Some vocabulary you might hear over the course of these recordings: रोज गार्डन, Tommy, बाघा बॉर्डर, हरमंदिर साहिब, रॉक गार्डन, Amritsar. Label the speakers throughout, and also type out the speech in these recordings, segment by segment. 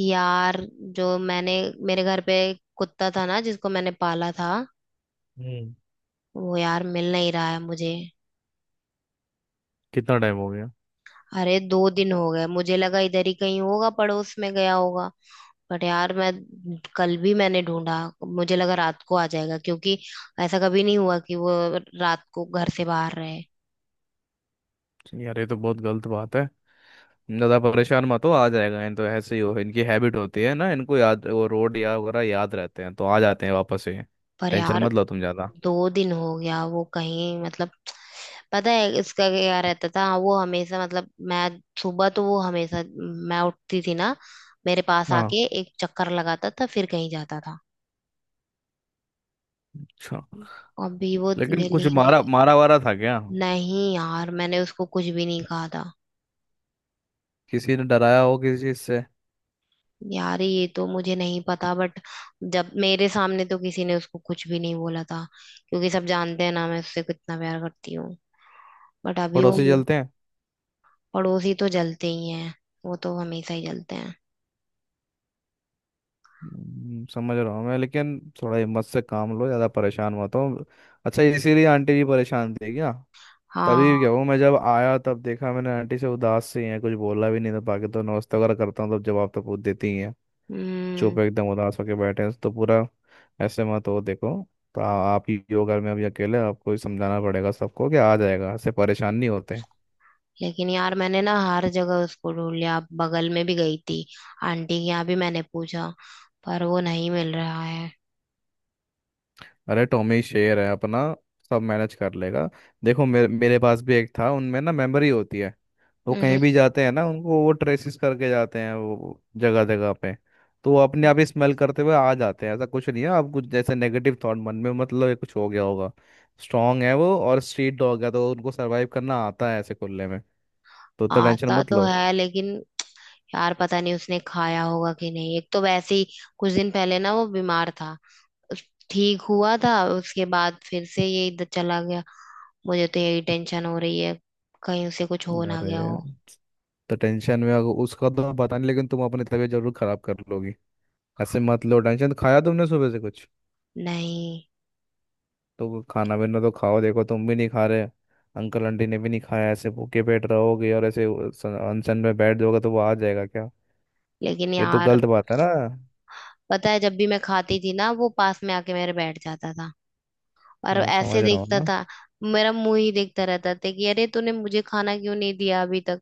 Speaker 1: यार जो मैंने मेरे घर पे कुत्ता था ना जिसको मैंने पाला था।
Speaker 2: हम्म।
Speaker 1: वो यार मिल नहीं रहा है मुझे।
Speaker 2: कितना टाइम हो गया?
Speaker 1: अरे 2 दिन हो गए, मुझे लगा इधर ही कहीं होगा, पड़ोस में गया होगा। बट यार मैं कल भी मैंने ढूंढा। मुझे लगा रात को आ जाएगा, क्योंकि ऐसा कभी नहीं हुआ कि वो रात को घर से बाहर रहे।
Speaker 2: यार, ये तो बहुत गलत बात है। ज़्यादा परेशान मत हो, आ जाएगा। इन तो ऐसे ही हो, इनकी हैबिट होती है ना, इनको याद वो रोड या वगैरह याद रहते हैं, तो आ जाते हैं वापस ही।
Speaker 1: पर
Speaker 2: टेंशन
Speaker 1: यार
Speaker 2: मत लो तुम ज़्यादा।
Speaker 1: 2 दिन हो गया वो कहीं, मतलब, पता है इसका क्या रहता था? वो हमेशा, मतलब, मैं सुबह तो वो हमेशा, मैं उठती थी ना, मेरे पास
Speaker 2: हाँ।
Speaker 1: आके एक चक्कर लगाता था, फिर कहीं जाता था।
Speaker 2: अच्छा,
Speaker 1: अभी वो
Speaker 2: लेकिन
Speaker 1: मेरे
Speaker 2: कुछ
Speaker 1: लिए।
Speaker 2: मारा मारा वारा था क्या?
Speaker 1: नहीं नहीं यार, मैंने उसको कुछ भी नहीं कहा था।
Speaker 2: किसी ने डराया हो किसी चीज़ से?
Speaker 1: यार ये तो मुझे नहीं पता, बट जब मेरे सामने तो किसी ने उसको कुछ भी नहीं बोला था, क्योंकि सब जानते हैं ना मैं उससे कितना प्यार करती हूँ। बट अभी वो।
Speaker 2: पड़ोसी चलते हैं।
Speaker 1: पड़ोसी तो जलते ही हैं, वो तो हमेशा ही जलते हैं।
Speaker 2: समझ रहा हूँ मैं, लेकिन थोड़ा हिम्मत से काम लो, ज़्यादा परेशान मत हो। अच्छा, इसीलिए आंटी जी परेशान थी क्या?
Speaker 1: हाँ।
Speaker 2: तभी क्या वो, मैं जब आया तब देखा मैंने, आंटी से उदास सी है, कुछ बोला भी नहीं था, बाकी तो नमस्ते वगैरह करता हूँ तब जवाब तो पूछ देती ही है।
Speaker 1: हम्म।
Speaker 2: चुप एकदम उदास होके बैठे हैं तो पूरा। ऐसे मत हो, देखो। तो आप ही योगा में अभी, अकेले आपको ही समझाना पड़ेगा सबको कि आ जाएगा, ऐसे परेशान नहीं होते।
Speaker 1: लेकिन यार मैंने ना हर जगह उसको ढूंढ लिया, अब बगल में भी गई थी, आंटी के यहाँ भी मैंने पूछा, पर वो नहीं मिल रहा है।
Speaker 2: अरे टॉमी शेर है अपना। सब मैनेज कर लेगा। देखो, मेरे मेरे पास भी एक था, उनमें ना मेमोरी होती है। वो
Speaker 1: हम्म।
Speaker 2: कहीं भी जाते हैं ना, उनको वो ट्रेसिस करके जाते हैं वो, जगह जगह पे। तो वो अपने आप ही स्मेल करते हुए आ जाते हैं, ऐसा कुछ नहीं है। आप कुछ जैसे नेगेटिव थॉट मन में, मतलब ये कुछ हो गया होगा। स्ट्रांग है वो, और स्ट्रीट डॉग है तो उनको सरवाइव करना आता है ऐसे खुले में। तो उतना टेंशन
Speaker 1: आता
Speaker 2: मत
Speaker 1: तो
Speaker 2: लो।
Speaker 1: है, लेकिन यार पता नहीं उसने खाया होगा कि नहीं। एक तो वैसे ही कुछ दिन पहले ना वो बीमार था, ठीक हुआ था, उसके बाद फिर से ये इधर चला गया। मुझे तो यही टेंशन हो रही है, कहीं उसे कुछ हो ना
Speaker 2: अरे,
Speaker 1: गया हो।
Speaker 2: तो टेंशन में उसका तो पता नहीं, लेकिन तुम अपनी तबीयत जरूर खराब कर लोगी। ऐसे मत लो टेंशन। खाया तुमने सुबह से कुछ?
Speaker 1: नहीं।
Speaker 2: तो खाना पीना तो खाओ, देखो तुम भी नहीं खा रहे। अंकल आंटी ने भी नहीं खाया, ऐसे भूखे पेट रहोगे और ऐसे अनशन में बैठ जाओगे तो वो आ जाएगा क्या?
Speaker 1: लेकिन
Speaker 2: ये तो
Speaker 1: यार,
Speaker 2: गलत बात है ना।
Speaker 1: पता है जब भी मैं खाती थी ना वो पास में आके मेरे बैठ जाता था, और
Speaker 2: मैं
Speaker 1: ऐसे
Speaker 2: समझ रहा हूँ
Speaker 1: देखता
Speaker 2: ना।
Speaker 1: था, मेरा मुंह ही देखता रहता था कि अरे तूने मुझे खाना क्यों नहीं दिया अभी तक।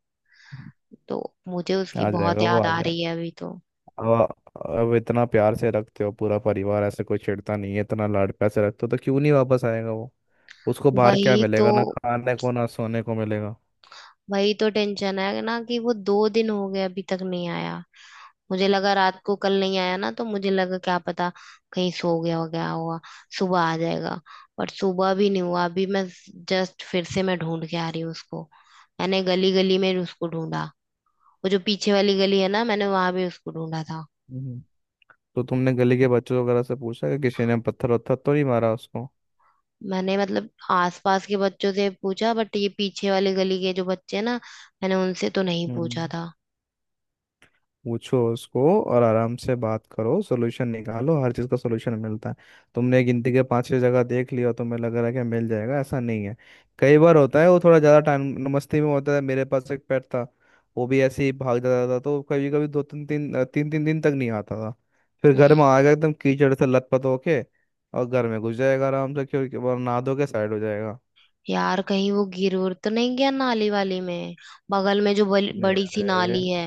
Speaker 1: तो मुझे उसकी
Speaker 2: आ
Speaker 1: बहुत
Speaker 2: जाएगा वो,
Speaker 1: याद
Speaker 2: आ
Speaker 1: आ
Speaker 2: जाएगा।
Speaker 1: रही है अभी तो।
Speaker 2: अब अब इतना प्यार से रखते हो, पूरा परिवार ऐसे, कोई छेड़ता नहीं है, इतना लाड प्यार से रखते हो, तो क्यों नहीं वापस आएगा वो? उसको बाहर क्या
Speaker 1: वही तो
Speaker 2: मिलेगा? ना खाने को ना सोने को मिलेगा।
Speaker 1: वही तो टेंशन है ना कि वो 2 दिन हो गए अभी तक नहीं आया। मुझे लगा रात को, कल नहीं आया ना तो मुझे लगा क्या पता कहीं सो गया हो, गया होगा, सुबह आ जाएगा। पर सुबह भी नहीं हुआ। अभी मैं जस्ट फिर से मैं ढूंढ के आ रही हूँ उसको। मैंने गली गली में उसको ढूंढा। वो जो पीछे वाली गली है ना, मैंने वहां भी उसको ढूंढा था।
Speaker 2: हम्म। तो तुमने गली के बच्चों वगैरह से पूछा कि किसी ने पत्थर वत्थर तो नहीं मारा उसको?
Speaker 1: मैंने, मतलब, आसपास के बच्चों से पूछा, बट ये पीछे वाली गली के जो बच्चे हैं ना, मैंने उनसे तो नहीं पूछा
Speaker 2: हम्म,
Speaker 1: था।
Speaker 2: पूछो उसको। और आराम से बात करो, सोल्यूशन निकालो, हर चीज़ का सोल्यूशन मिलता है। तुमने गिनती के पांच छह जगह देख लिया, तुम्हें लग रहा है कि मिल जाएगा, ऐसा नहीं है। कई बार होता है वो थोड़ा ज़्यादा टाइम मस्ती में होता है। मेरे पास एक पेट था, वो भी ऐसे ही भाग जाता था तो कभी कभी दो तीन तीन तीन तीन दिन तक नहीं आता था। फिर घर में
Speaker 1: हम्म।
Speaker 2: आएगा एकदम कीचड़ से लथपथ होके। और घर में घुस जाएगा आराम से, क्योंकि वो नहा धो के साइड हो जाएगा।
Speaker 1: यार कहीं वो गिर उर तो नहीं गया नाली वाली में? बगल में जो
Speaker 2: नहीं
Speaker 1: बड़ी सी
Speaker 2: अरे,
Speaker 1: नाली है।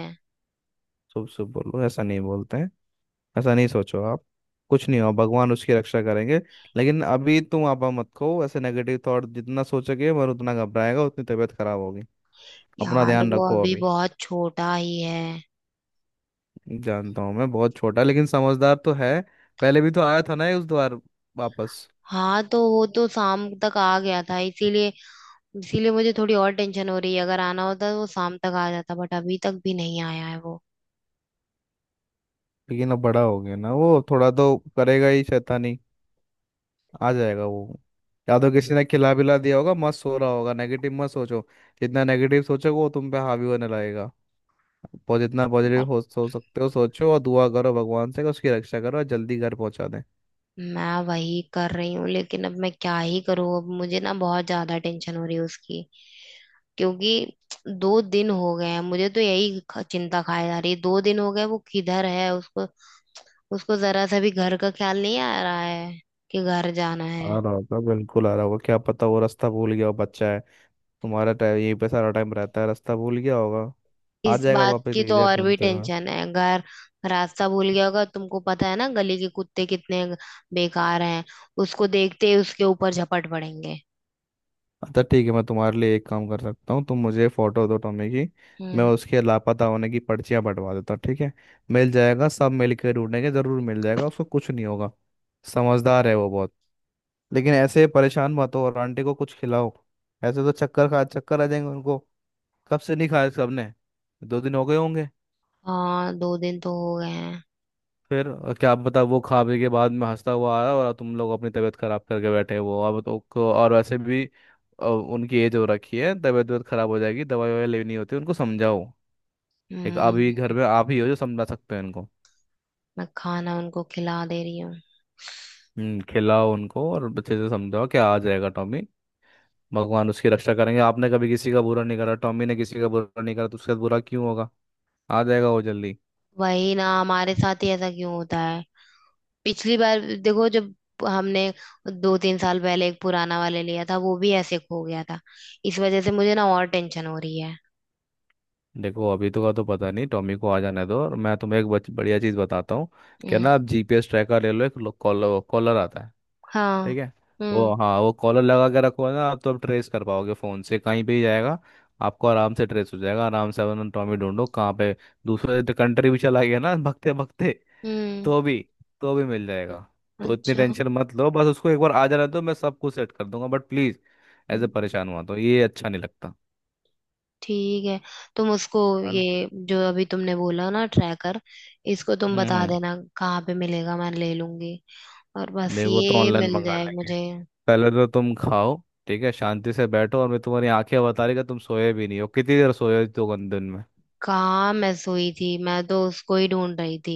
Speaker 2: चुप चुप बोलो, ऐसा नहीं बोलते हैं। ऐसा नहीं सोचो आप। कुछ नहीं हो, भगवान उसकी रक्षा करेंगे। लेकिन अभी तुम आपा मत खो, ऐसे नेगेटिव थॉट जितना सोचोगे, मगर उतना घबराएगा, उतनी तबीयत खराब होगी। अपना
Speaker 1: यार
Speaker 2: ध्यान
Speaker 1: वो
Speaker 2: रखो
Speaker 1: अभी
Speaker 2: अभी।
Speaker 1: बहुत छोटा ही है।
Speaker 2: जानता हूँ मैं, बहुत छोटा, लेकिन समझदार तो है। पहले भी तो आया था ना ये उस द्वार वापस।
Speaker 1: हाँ, तो वो तो शाम तक आ गया था, इसीलिए इसीलिए मुझे थोड़ी और टेंशन हो रही है। अगर आना होता तो वो शाम तक आ जाता, बट अभी तक भी नहीं आया है वो।
Speaker 2: लेकिन अब बड़ा हो गया ना, वो थोड़ा तो करेगा ही शैतानी। आ जाएगा वो। या तो किसी ने खिला पिला दिया होगा, मस्त सो रहा होगा, नेगेटिव मत सोचो। जितना नेगेटिव सोचोगे वो तुम पे हावी होने लगेगा। जितना पॉजिटिव हो सोच सकते हो सोचो, और दुआ करो भगवान से कि उसकी रक्षा करो और जल्दी घर पहुंचा दें।
Speaker 1: मैं वही कर रही हूँ, लेकिन अब मैं क्या ही करूँ? अब मुझे ना बहुत ज्यादा टेंशन हो रही है उसकी, क्योंकि दो दिन हो गए हैं। मुझे तो यही चिंता खाए जा रही है, 2 दिन हो गए वो किधर है। उसको उसको जरा सा भी घर का ख्याल नहीं आ रहा है कि घर जाना
Speaker 2: आ
Speaker 1: है।
Speaker 2: रहा होगा, बिल्कुल आ रहा होगा, क्या पता वो रास्ता भूल गया हो, बच्चा है। तुम्हारा टाइम यहीं पे सारा टाइम रहता है, रास्ता भूल गया होगा। आ
Speaker 1: इस
Speaker 2: जाएगा
Speaker 1: बात
Speaker 2: वापस
Speaker 1: की
Speaker 2: धीरे
Speaker 1: तो
Speaker 2: धीरे
Speaker 1: और भी
Speaker 2: ढूंढते हुए।
Speaker 1: टेंशन है। घर रास्ता भूल गया होगा। तुमको पता है ना गली के कुत्ते कितने बेकार हैं? उसको देखते ही उसके ऊपर झपट पड़ेंगे।
Speaker 2: अच्छा ठीक है, मैं तुम्हारे लिए एक काम कर सकता हूँ, तुम मुझे फोटो दो टॉमी की। मैं
Speaker 1: हम्म।
Speaker 2: उसके लापता होने की पर्चियाँ बंटवा देता हूँ, ठीक है? मिल जाएगा, सब मिल के ढूंढेंगे, जरूर मिल जाएगा, उसको कुछ नहीं होगा। समझदार है वो बहुत। लेकिन ऐसे परेशान मत हो, और आंटी को कुछ खिलाओ। ऐसे तो चक्कर खा चक्कर आ जाएंगे उनको। कब से नहीं खाया सबने? दो दिन हो गए होंगे।
Speaker 1: हाँ 2 दिन तो हो गए हैं।
Speaker 2: फिर क्या बता, वो खा पी के बाद में हंसता हुआ आया, और तुम लोग अपनी तबीयत खराब करके बैठे हो। अब तो और वैसे भी उनकी एज हो रखी है, तबीयत वबीयत खराब हो जाएगी, दवाई ववाई लेनी होती है, उनको समझाओ। एक
Speaker 1: हम्म।
Speaker 2: अभी घर में आप ही हो जो समझा सकते हैं उनको।
Speaker 1: मैं खाना उनको खिला दे रही हूँ।
Speaker 2: खिलाओ उनको और अच्छे से समझाओ, क्या आ जाएगा टॉमी। भगवान उसकी रक्षा करेंगे। आपने कभी किसी का बुरा नहीं करा, टॉमी ने किसी का बुरा नहीं करा, तो उसके साथ बुरा क्यों होगा? आ जाएगा वो जल्दी।
Speaker 1: वही ना, हमारे साथ ही ऐसा क्यों होता है? पिछली बार देखो, जब हमने 2 3 साल पहले एक पुराना वाले लिया था, वो भी ऐसे खो गया था। इस वजह से मुझे ना और टेंशन हो रही है।
Speaker 2: देखो, अभी तो का तो पता नहीं, टॉमी को आ जाने दो, और मैं तुम्हें एक बढ़िया चीज़ बताता हूँ। क्या
Speaker 1: हम्म।
Speaker 2: ना, आप जीपीएस ट्रैकर ले लो एक। कॉलर कॉलर आता है।
Speaker 1: हाँ।
Speaker 2: ठीक है?
Speaker 1: हम्म।
Speaker 2: वो हाँ, वो कॉलर लगा के रखो ना आप, तो आप ट्रेस कर पाओगे फ़ोन से कहीं पे ही जाएगा। आपको आराम से ट्रेस हो जाएगा, आराम से अपना टॉमी ढूंढो कहाँ पे। दूसरे तो कंट्री भी चला गया ना भगते भगते,
Speaker 1: हम्म।
Speaker 2: तो भी, तो भी मिल जाएगा। तो इतनी
Speaker 1: अच्छा।
Speaker 2: टेंशन मत लो, बस उसको एक बार आ जाने दो, मैं सब कुछ सेट कर दूंगा, बट प्लीज़ ऐसे
Speaker 1: हम्म,
Speaker 2: परेशान हुआ तो ये अच्छा नहीं लगता।
Speaker 1: ठीक है। तुम उसको,
Speaker 2: है ना?
Speaker 1: ये जो अभी तुमने बोला ना ट्रैकर, इसको तुम
Speaker 2: हम्म।
Speaker 1: बता देना कहाँ पे मिलेगा, मैं ले लूंगी। और बस
Speaker 2: नहीं, वो तो
Speaker 1: ये
Speaker 2: ऑनलाइन
Speaker 1: मिल
Speaker 2: मंगा
Speaker 1: जाए
Speaker 2: लेंगे।
Speaker 1: मुझे।
Speaker 2: पहले तो तुम खाओ। ठीक है, शांति से बैठो, और मैं तुम्हारी आंखें बता रही कि तुम सोए भी नहीं हो, कितनी देर सोए हो दो दिन में?
Speaker 1: कहाँ मैं सोई थी? मैं तो उसको ही ढूंढ रही थी।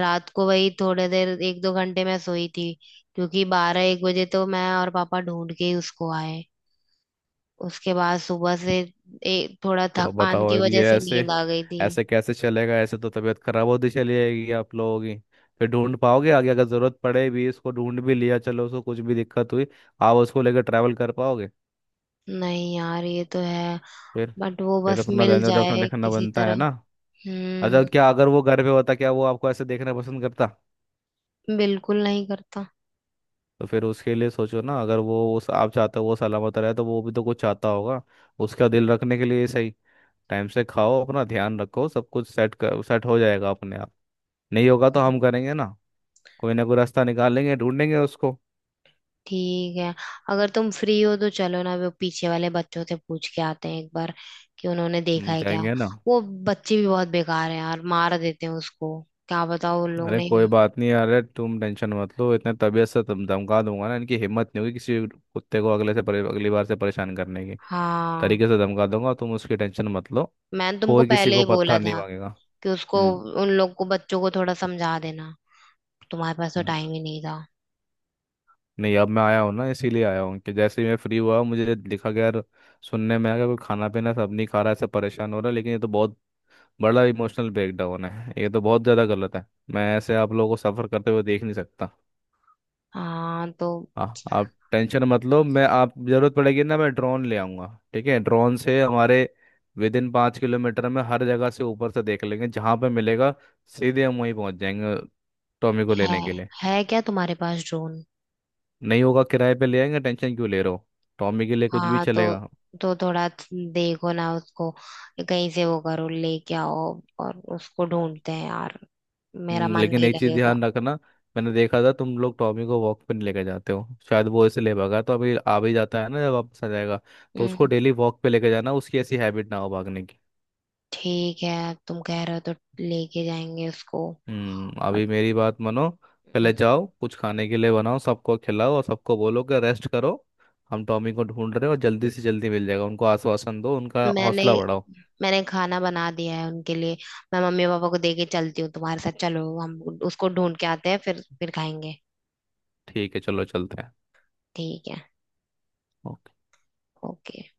Speaker 1: रात को वही थोड़े देर 1 2 घंटे मैं सोई थी, क्योंकि 12 1 बजे तो मैं और पापा ढूंढ के ही उसको आए। उसके बाद सुबह से थोड़ा
Speaker 2: तो अब
Speaker 1: थकान
Speaker 2: बताओ,
Speaker 1: की
Speaker 2: अब
Speaker 1: वजह
Speaker 2: ये
Speaker 1: से
Speaker 2: ऐसे,
Speaker 1: नींद आ गई थी।
Speaker 2: ऐसे कैसे चलेगा? ऐसे तो तबीयत खराब होती चली जाएगी आप लोगों की। फिर ढूंढ पाओगे आगे, अगर जरूरत पड़े भी, इसको ढूंढ भी लिया, चलो, उसको कुछ भी दिक्कत हुई, आप उसको लेकर ट्रैवल कर पाओगे?
Speaker 1: नहीं यार, ये तो है,
Speaker 2: फिर
Speaker 1: बट वो बस
Speaker 2: अपना
Speaker 1: मिल
Speaker 2: धंधा देखना
Speaker 1: जाए
Speaker 2: देखना
Speaker 1: किसी
Speaker 2: बनता है
Speaker 1: तरह।
Speaker 2: ना। अच्छा,
Speaker 1: हम्म।
Speaker 2: क्या अगर वो घर पे होता, क्या वो आपको ऐसे देखना पसंद करता?
Speaker 1: बिल्कुल नहीं करता।
Speaker 2: तो फिर उसके लिए सोचो ना, अगर वो उस आप चाहते हो वो सलामत रहे, तो वो भी तो कुछ चाहता होगा, उसका दिल रखने के लिए ही सही। टाइम से खाओ, अपना ध्यान रखो, सब कुछ सेट हो जाएगा अपने आप। नहीं होगा तो हम करेंगे ना, कोई ना कोई रास्ता निकालेंगे, ढूंढेंगे उसको।
Speaker 1: ठीक है, अगर तुम फ्री हो तो चलो ना, वो पीछे वाले बच्चों से पूछ के आते हैं एक बार कि उन्होंने देखा
Speaker 2: हम
Speaker 1: है क्या।
Speaker 2: जाएंगे ना।
Speaker 1: वो बच्चे भी बहुत बेकार हैं यार, मार देते हैं उसको। क्या बताओ उन लोग
Speaker 2: अरे
Speaker 1: ने।
Speaker 2: कोई बात नहीं, अरे तुम टेंशन मत लो, इतने तबीयत से तुम, धमका दूंगा ना, इनकी हिम्मत नहीं होगी किसी कुत्ते को अगली बार से परेशान करने की।
Speaker 1: हाँ।
Speaker 2: तरीके से धमका दूंगा, तुम उसकी टेंशन मत लो।
Speaker 1: मैंने तुमको
Speaker 2: कोई किसी
Speaker 1: पहले
Speaker 2: को
Speaker 1: ही बोला
Speaker 2: पत्थर नहीं
Speaker 1: था
Speaker 2: मांगेगा।
Speaker 1: कि उसको, उन लोग को, बच्चों को थोड़ा समझा देना। तुम्हारे पास तो
Speaker 2: हम्म।
Speaker 1: टाइम ही नहीं था।
Speaker 2: नहीं, अब मैं आया हूँ ना, इसीलिए आया हूँ कि जैसे ही मैं फ्री हुआ मुझे लिखा गया यार, सुनने में आया कि कोई खाना पीना सब नहीं खा रहा, ऐसे परेशान हो रहा है, लेकिन ये तो बहुत बड़ा इमोशनल ब्रेकडाउन है, ये तो बहुत ज़्यादा गलत है। मैं ऐसे आप लोगों को सफ़र करते हुए देख नहीं सकता।
Speaker 1: हाँ तो
Speaker 2: हाँ, आप टेंशन मत लो, मैं आप ज़रूरत पड़ेगी ना, मैं ड्रोन ले आऊँगा। ठीक है, ड्रोन से हमारे विद इन 5 किलोमीटर में हर जगह से ऊपर से देख लेंगे, जहाँ पे मिलेगा सीधे हम वहीं पहुँच जाएंगे टॉमी को लेने
Speaker 1: है।
Speaker 2: के लिए।
Speaker 1: है क्या तुम्हारे पास ड्रोन?
Speaker 2: नहीं होगा किराए पे ले आएंगे, टेंशन क्यों ले रहे हो, टॉमी के लिए कुछ भी
Speaker 1: हाँ तो
Speaker 2: चलेगा।
Speaker 1: तो थोड़ा देखो ना उसको, कहीं से वो करो लेके आओ, और उसको ढूंढते हैं यार। मेरा मन
Speaker 2: लेकिन
Speaker 1: नहीं
Speaker 2: एक चीज
Speaker 1: लगेगा।
Speaker 2: ध्यान रखना, मैंने देखा था तुम लोग टॉमी को वॉक पे नहीं लेके जाते हो, शायद वो इसे ले भागा, तो अभी आ भी जाता है ना, जब वापस आ जाएगा तो उसको
Speaker 1: हम्म।
Speaker 2: डेली वॉक पे लेके जाना, उसकी ऐसी हैबिट ना हो भागने की।
Speaker 1: ठीक है, अब तुम कह रहे हो तो लेके जाएंगे उसको।
Speaker 2: हम्म,
Speaker 1: बट
Speaker 2: अभी मेरी बात मानो,
Speaker 1: हम्म,
Speaker 2: पहले जाओ कुछ खाने के लिए बनाओ, सबको खिलाओ, और सबको बोलो कि रेस्ट करो, हम टॉमी को ढूंढ रहे हैं और जल्दी से जल्दी मिल जाएगा, उनको आश्वासन दो, उनका
Speaker 1: मैंने
Speaker 2: हौसला बढ़ाओ।
Speaker 1: मैंने खाना बना दिया है उनके लिए। मैं मम्मी पापा को देके चलती हूँ, तुम्हारे साथ चलो, हम उसको ढूंढ के आते हैं, फिर खाएंगे।
Speaker 2: ठीक है चलो चलते
Speaker 1: ठीक है।
Speaker 2: हैं।
Speaker 1: ओके।